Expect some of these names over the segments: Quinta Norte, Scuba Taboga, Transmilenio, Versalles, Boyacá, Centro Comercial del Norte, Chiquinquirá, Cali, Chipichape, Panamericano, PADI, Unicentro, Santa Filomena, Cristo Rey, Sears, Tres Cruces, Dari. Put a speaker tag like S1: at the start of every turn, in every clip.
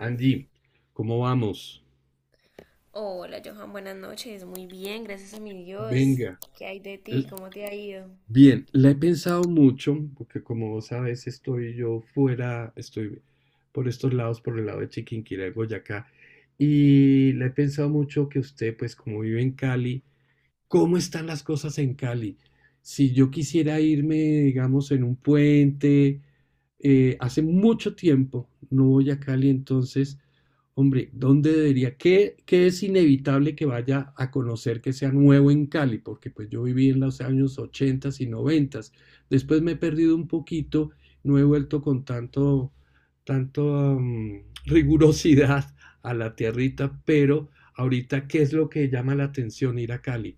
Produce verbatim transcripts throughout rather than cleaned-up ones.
S1: Andy, ¿cómo vamos?
S2: Hola Johan, buenas noches. Muy bien, gracias a mi Dios.
S1: Venga.
S2: ¿Qué hay de
S1: Eh,
S2: ti? ¿Cómo te ha ido?
S1: Bien, la he pensado mucho, porque como vos sabes, estoy yo fuera, estoy por estos lados, por el lado de Chiquinquirá y Boyacá, y la he pensado mucho que usted, pues como vive en Cali, cómo están las cosas en Cali. Si yo quisiera irme, digamos, en un puente, eh, hace mucho tiempo no voy a Cali, entonces, hombre, ¿dónde debería? ¿Qué, qué es inevitable que vaya a conocer que sea nuevo en Cali? Porque pues yo viví en los años ochenta y noventa. Después me he perdido un poquito, no he vuelto con tanto, tanto am, rigurosidad a la tierrita, pero ahorita, ¿qué es lo que llama la atención ir a Cali?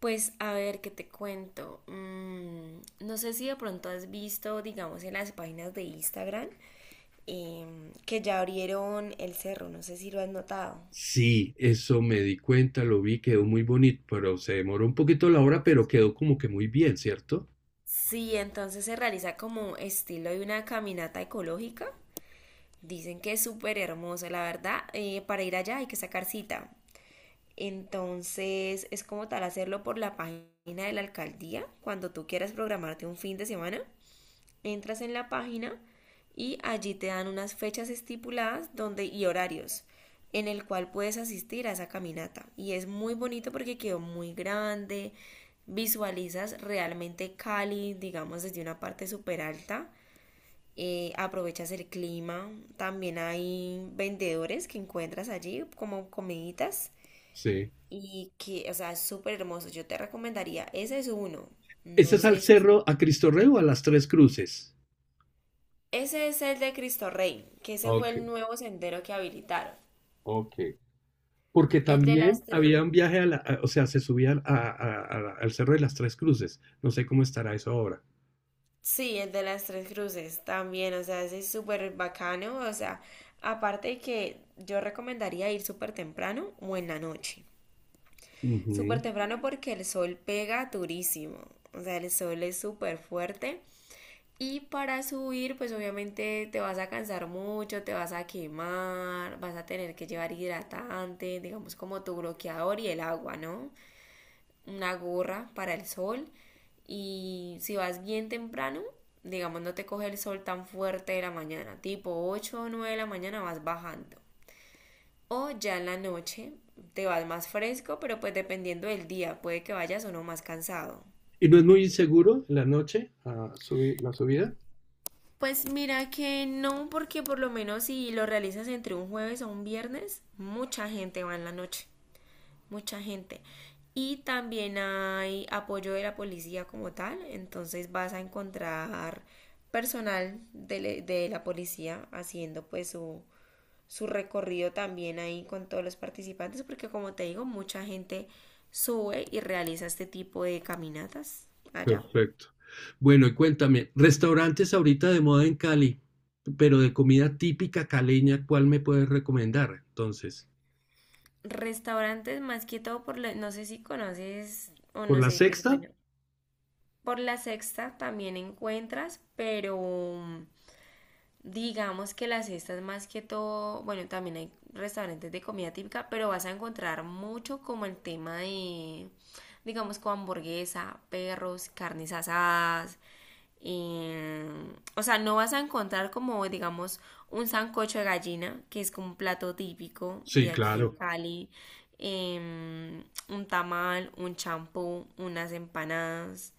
S2: Pues a ver, ¿qué te cuento? Mm, no sé si de pronto has visto, digamos, en las páginas de Instagram em, que ya abrieron el cerro, no sé si lo has notado.
S1: Sí, eso me di cuenta, lo vi, quedó muy bonito, pero se demoró un poquito la hora, pero quedó como que muy bien, ¿cierto?
S2: Sí, entonces se realiza como estilo de una caminata ecológica. Dicen que es súper hermoso, la verdad. Eh, para ir allá hay que sacar cita. Entonces es como tal hacerlo por la página de la alcaldía. Cuando tú quieras programarte un fin de semana, entras en la página y allí te dan unas fechas estipuladas donde, y horarios en el cual puedes asistir a esa caminata. Y es muy bonito porque quedó muy grande, visualizas realmente Cali, digamos, desde una parte súper alta. Eh, aprovechas el clima, también hay vendedores que encuentras allí como comiditas
S1: Sí.
S2: y que, o sea, es súper hermoso. Yo te recomendaría, ese es uno.
S1: ¿Ese
S2: No
S1: es al
S2: sé si...
S1: cerro, a Cristo Rey o a las Tres Cruces?
S2: Ese es el de Cristo Rey, que ese fue
S1: Ok,
S2: el nuevo sendero que habilitaron.
S1: ok. Porque
S2: El de
S1: también
S2: las tres...
S1: había un viaje a la, a- o sea, se subía a- a- a- al cerro de las Tres Cruces. No sé cómo estará eso ahora.
S2: Sí, el de las tres cruces también, o sea, ese es súper bacano. O sea, aparte de que yo recomendaría ir súper temprano o en la noche. Súper
S1: Ujú.
S2: temprano porque el sol pega durísimo. O sea, el sol es súper fuerte. Y para subir, pues obviamente te vas a cansar mucho, te vas a quemar, vas a tener que llevar hidratante, digamos como tu bloqueador y el agua, ¿no? Una gorra para el sol. Y si vas bien temprano, digamos no te coge el sol tan fuerte de la mañana, tipo ocho o nueve de la mañana vas bajando. O ya en la noche te vas más fresco, pero pues dependiendo del día, puede que vayas o no más cansado.
S1: ¿Y no es muy inseguro en la noche, ah, subi- la subida?
S2: Pues mira que no, porque por lo menos si lo realizas entre un jueves o un viernes, mucha gente va en la noche, mucha gente. Y también hay apoyo de la policía como tal, entonces vas a encontrar personal de, le- de la policía haciendo pues su, su recorrido también ahí con todos los participantes, porque como te digo, mucha gente sube y realiza este tipo de caminatas allá.
S1: Perfecto. Bueno, y cuéntame, restaurantes ahorita de moda en Cali, pero de comida típica caleña, ¿cuál me puedes recomendar entonces?
S2: Restaurantes más que todo por la, no sé si conoces o
S1: ¿Por
S2: no
S1: la
S2: sé, pues
S1: Sexta?
S2: bueno, por la Sexta también encuentras, pero digamos que las cesta más que todo, bueno, también hay restaurantes de comida típica, pero vas a encontrar mucho como el tema de, digamos, con hamburguesa, perros, carnes asadas. eh, o sea, no vas a encontrar como, digamos, un sancocho de gallina, que es como un plato típico de
S1: Sí,
S2: aquí de
S1: claro.
S2: Cali, em, un tamal, un champú, unas empanadas.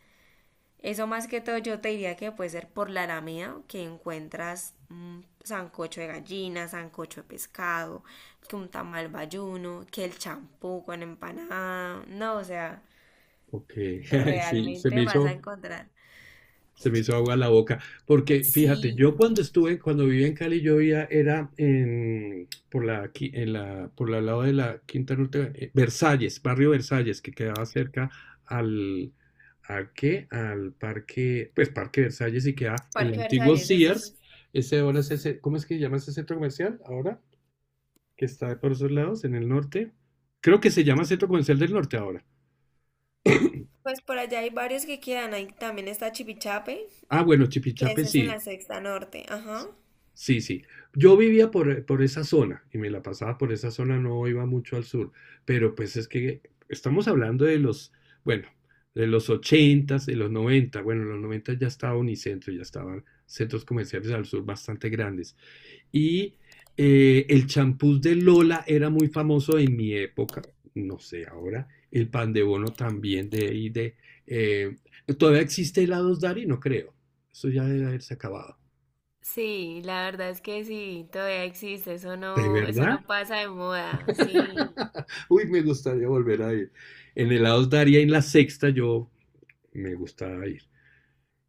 S2: Eso más que todo yo te diría que puede ser por la Alameda, que encuentras mm, sancocho de gallina, sancocho de pescado, que un tamal bayuno, que el champú con empanada. No, o sea,
S1: Ok. Sí, se me
S2: realmente vas a
S1: hizo.
S2: encontrar.
S1: Se me hizo agua la boca, porque fíjate,
S2: Sí,
S1: yo cuando estuve, cuando vivía en Cali, yo vivía, era en, por la, qui- en la, por el lado de la Quinta Norte, eh, Versalles, barrio Versalles, que quedaba cerca al, ¿a qué? Al parque, pues Parque Versalles y queda el
S2: Parque
S1: antiguo
S2: Versalles, eso es...
S1: Sears, ese ahora es ese, ¿cómo es que se llama ese centro comercial ahora? Que está por esos lados, en el norte. Creo que se llama Centro Comercial del Norte ahora.
S2: Pues por allá hay varios que quedan. Ahí también está Chipichape,
S1: Ah, bueno,
S2: que
S1: Chipichape
S2: ese es en
S1: sí.
S2: la Sexta Norte. Ajá.
S1: Sí, sí. Yo vivía por, por esa zona y me la pasaba por esa zona, no iba mucho al sur, pero pues es que estamos hablando de los, bueno, de los ochentas, de los noventa. Bueno, en los noventa ya estaba Unicentro, ya estaban centros comerciales al sur bastante grandes. Y eh, el champús de Lola era muy famoso en mi época, no sé ahora, el pan de bono también de ahí de... eh, ¿todavía existe helados Dari? No creo, eso ya debe haberse acabado.
S2: Sí, la verdad es que sí, todavía existe, eso
S1: ¿De
S2: no, eso
S1: verdad?
S2: no pasa de moda, sí.
S1: Uy, me gustaría volver a ir. En el Daria, en la sexta, yo me gustaba ir.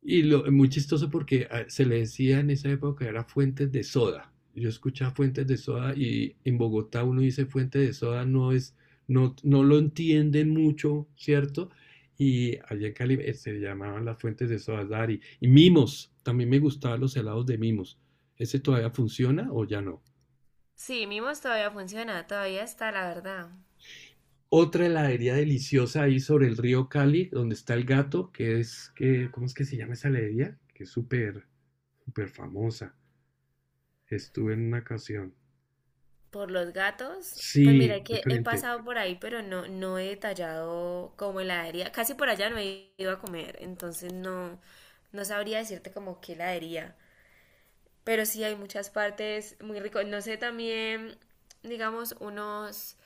S1: Y lo, muy chistoso porque ah, se le decía en esa época era fuentes de soda. Yo escuchaba fuentes de soda y en Bogotá uno dice fuente de soda, no es, no, no lo entienden mucho, ¿cierto? Y allá en Cali eh, se llamaban las fuentes de soda Dari. Y mimos, también me gustaban los helados de mimos. ¿Ese todavía funciona o ya no?
S2: Sí, Mimos todavía funciona, todavía está, la verdad.
S1: Otra heladería deliciosa ahí sobre el río Cali, donde está el gato, que es, que, ¿cómo es que se llama esa heladería? Que es súper, súper famosa. Estuve en una ocasión.
S2: Por los gatos, pues
S1: Sí,
S2: mira que he
S1: diferente.
S2: pasado por ahí, pero no, no he detallado como heladería. Casi por allá no he ido a comer, entonces no, no sabría decirte como qué heladería. Pero sí hay muchas partes muy ricas. No sé también, digamos, unos,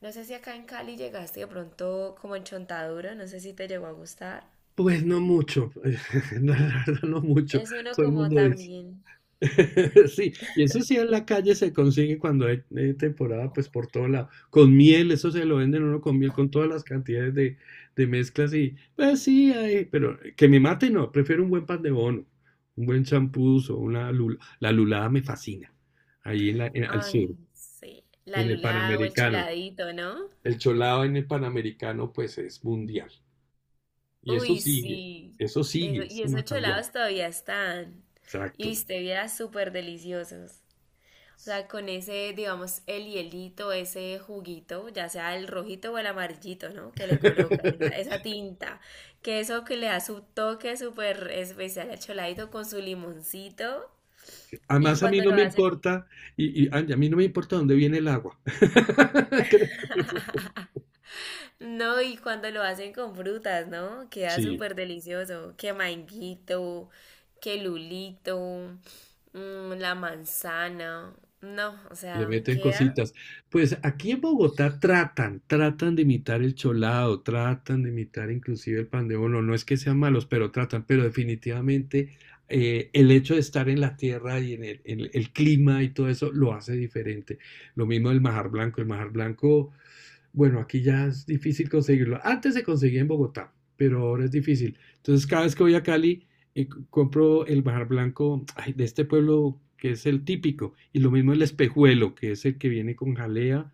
S2: no sé si acá en Cali llegaste de pronto como en Chontaduro, no sé si te llegó a gustar.
S1: Pues no mucho, no, la verdad no mucho.
S2: Es uno
S1: Todo el
S2: como
S1: mundo dice.
S2: también,
S1: Sí, y eso sí en la calle se consigue cuando hay eh, temporada, pues por todo lado. Con miel, eso se lo venden uno con miel, con todas las cantidades de, de mezclas y, pues sí, hay, pero que me mate no, prefiero un buen pan de bono, un buen champús o una lula. La lulada me fascina, ahí en la, en- al
S2: ay,
S1: sur,
S2: sí, la
S1: en el
S2: lula o el
S1: Panamericano.
S2: choladito, ¿no?
S1: El cholado en el Panamericano, pues es mundial. Y eso
S2: Uy,
S1: sigue,
S2: sí.
S1: eso
S2: Eso,
S1: sigue,
S2: y
S1: eso no ha
S2: esos
S1: cambiado.
S2: cholados todavía están. Y
S1: Exacto.
S2: viste, viera súper deliciosos. O sea, con ese, digamos, el hielito, ese juguito, ya sea el rojito o el amarillito, ¿no? Que le colocan, esa, esa tinta. Que eso que le da su toque súper especial al choladito con su limoncito. Y
S1: Además, a mí
S2: cuando
S1: no
S2: lo
S1: me
S2: hacen.
S1: importa, y, y a a mí no me importa dónde viene el agua. Creo que eso...
S2: No, y cuando lo hacen con frutas, ¿no? Queda
S1: Sí.
S2: súper delicioso. Que manguito, que lulito, mm, la manzana. No, o
S1: Le
S2: sea,
S1: meten
S2: queda.
S1: cositas. Pues aquí en Bogotá tratan, tratan de imitar el cholado, tratan de imitar inclusive el pan de bono. No es que sean malos, pero tratan. Pero definitivamente eh, el hecho de estar en la tierra y en el, en el clima y todo eso lo hace diferente. Lo mismo el majar blanco. El majar blanco, bueno, aquí ya es difícil conseguirlo. Antes se conseguía en Bogotá, pero ahora es difícil. Entonces cada vez que voy a Cali y compro el Bajar Blanco ay, de este pueblo que es el típico, y lo mismo el espejuelo, que es el que viene con jalea,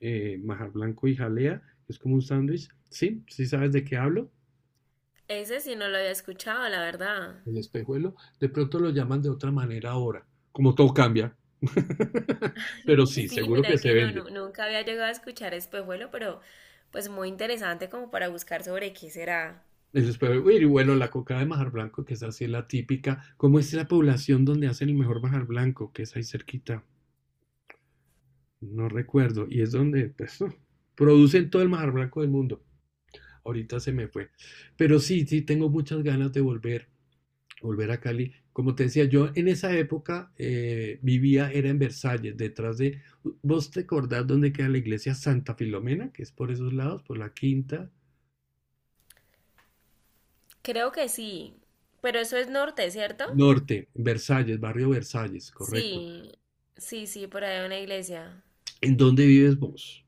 S1: eh, Bajar Blanco y jalea, que es como un sándwich, ¿sí? ¿Sí sabes de qué hablo?
S2: Ese sí no lo había escuchado, la verdad.
S1: El espejuelo, de pronto lo llaman de otra manera ahora, como todo cambia. Pero sí,
S2: Sí,
S1: seguro que
S2: mira
S1: se
S2: que no,
S1: vende.
S2: nu- nunca había llegado a escuchar espejuelo, pero pues muy interesante como para buscar sobre qué será.
S1: El espejuelo, y bueno, la coca de Majar Blanco, que es así la típica, ¿cómo es la población donde hacen el mejor Majar Blanco, que es ahí cerquita? No recuerdo, y es donde pues, oh, producen todo el mar blanco del mundo. Ahorita se me fue. Pero sí, sí, tengo muchas ganas de volver, volver a Cali. Como te decía, yo en esa época eh, vivía, era en Versalles, detrás de, ¿vos te acordás dónde queda la iglesia Santa Filomena? Que es por esos lados, por la Quinta
S2: Creo que sí, pero eso es norte, ¿cierto?
S1: Norte, Versalles, barrio Versalles, correcto.
S2: Sí, sí, sí, por ahí hay una iglesia.
S1: ¿En dónde vives vos?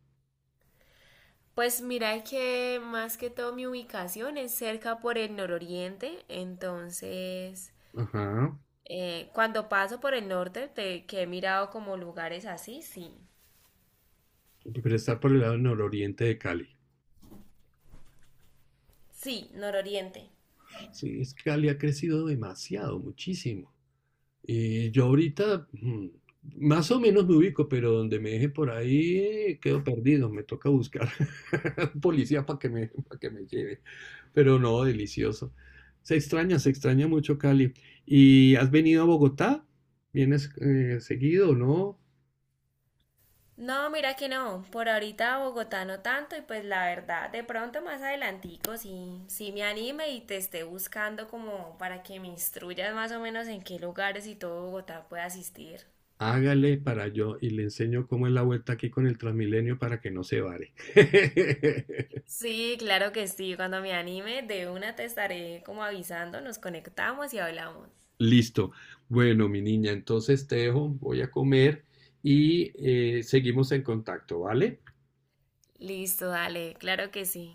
S2: Pues mira que más que todo mi ubicación es cerca por el nororiente, entonces
S1: Ajá.
S2: eh, cuando paso por el norte, te- que he mirado como lugares así, sí,
S1: Pero está por el lado nororiente de Cali.
S2: sí, nororiente.
S1: Sí, es que Cali ha crecido demasiado, muchísimo. Y yo ahorita mm, más o menos me ubico, pero donde me deje por ahí quedo perdido. Me toca buscar un policía para que me, para que me lleve. Pero no, delicioso. Se extraña, se extraña mucho Cali. ¿Y has venido a Bogotá? ¿Vienes eh, seguido o no?
S2: No, mira que no, por ahorita Bogotá no tanto y pues la verdad, de pronto más adelantico sí, sí me anime y te esté buscando como para que me instruyas más o menos en qué lugares y todo Bogotá pueda asistir.
S1: Hágale para yo y le enseño cómo es la vuelta aquí con el Transmilenio para que no se vare.
S2: Sí, claro que sí. Cuando me anime, de una te estaré como avisando, nos conectamos y hablamos.
S1: Listo. Bueno, mi niña, entonces te dejo, voy a comer y eh, seguimos en contacto, ¿vale?
S2: Listo, dale, claro que sí.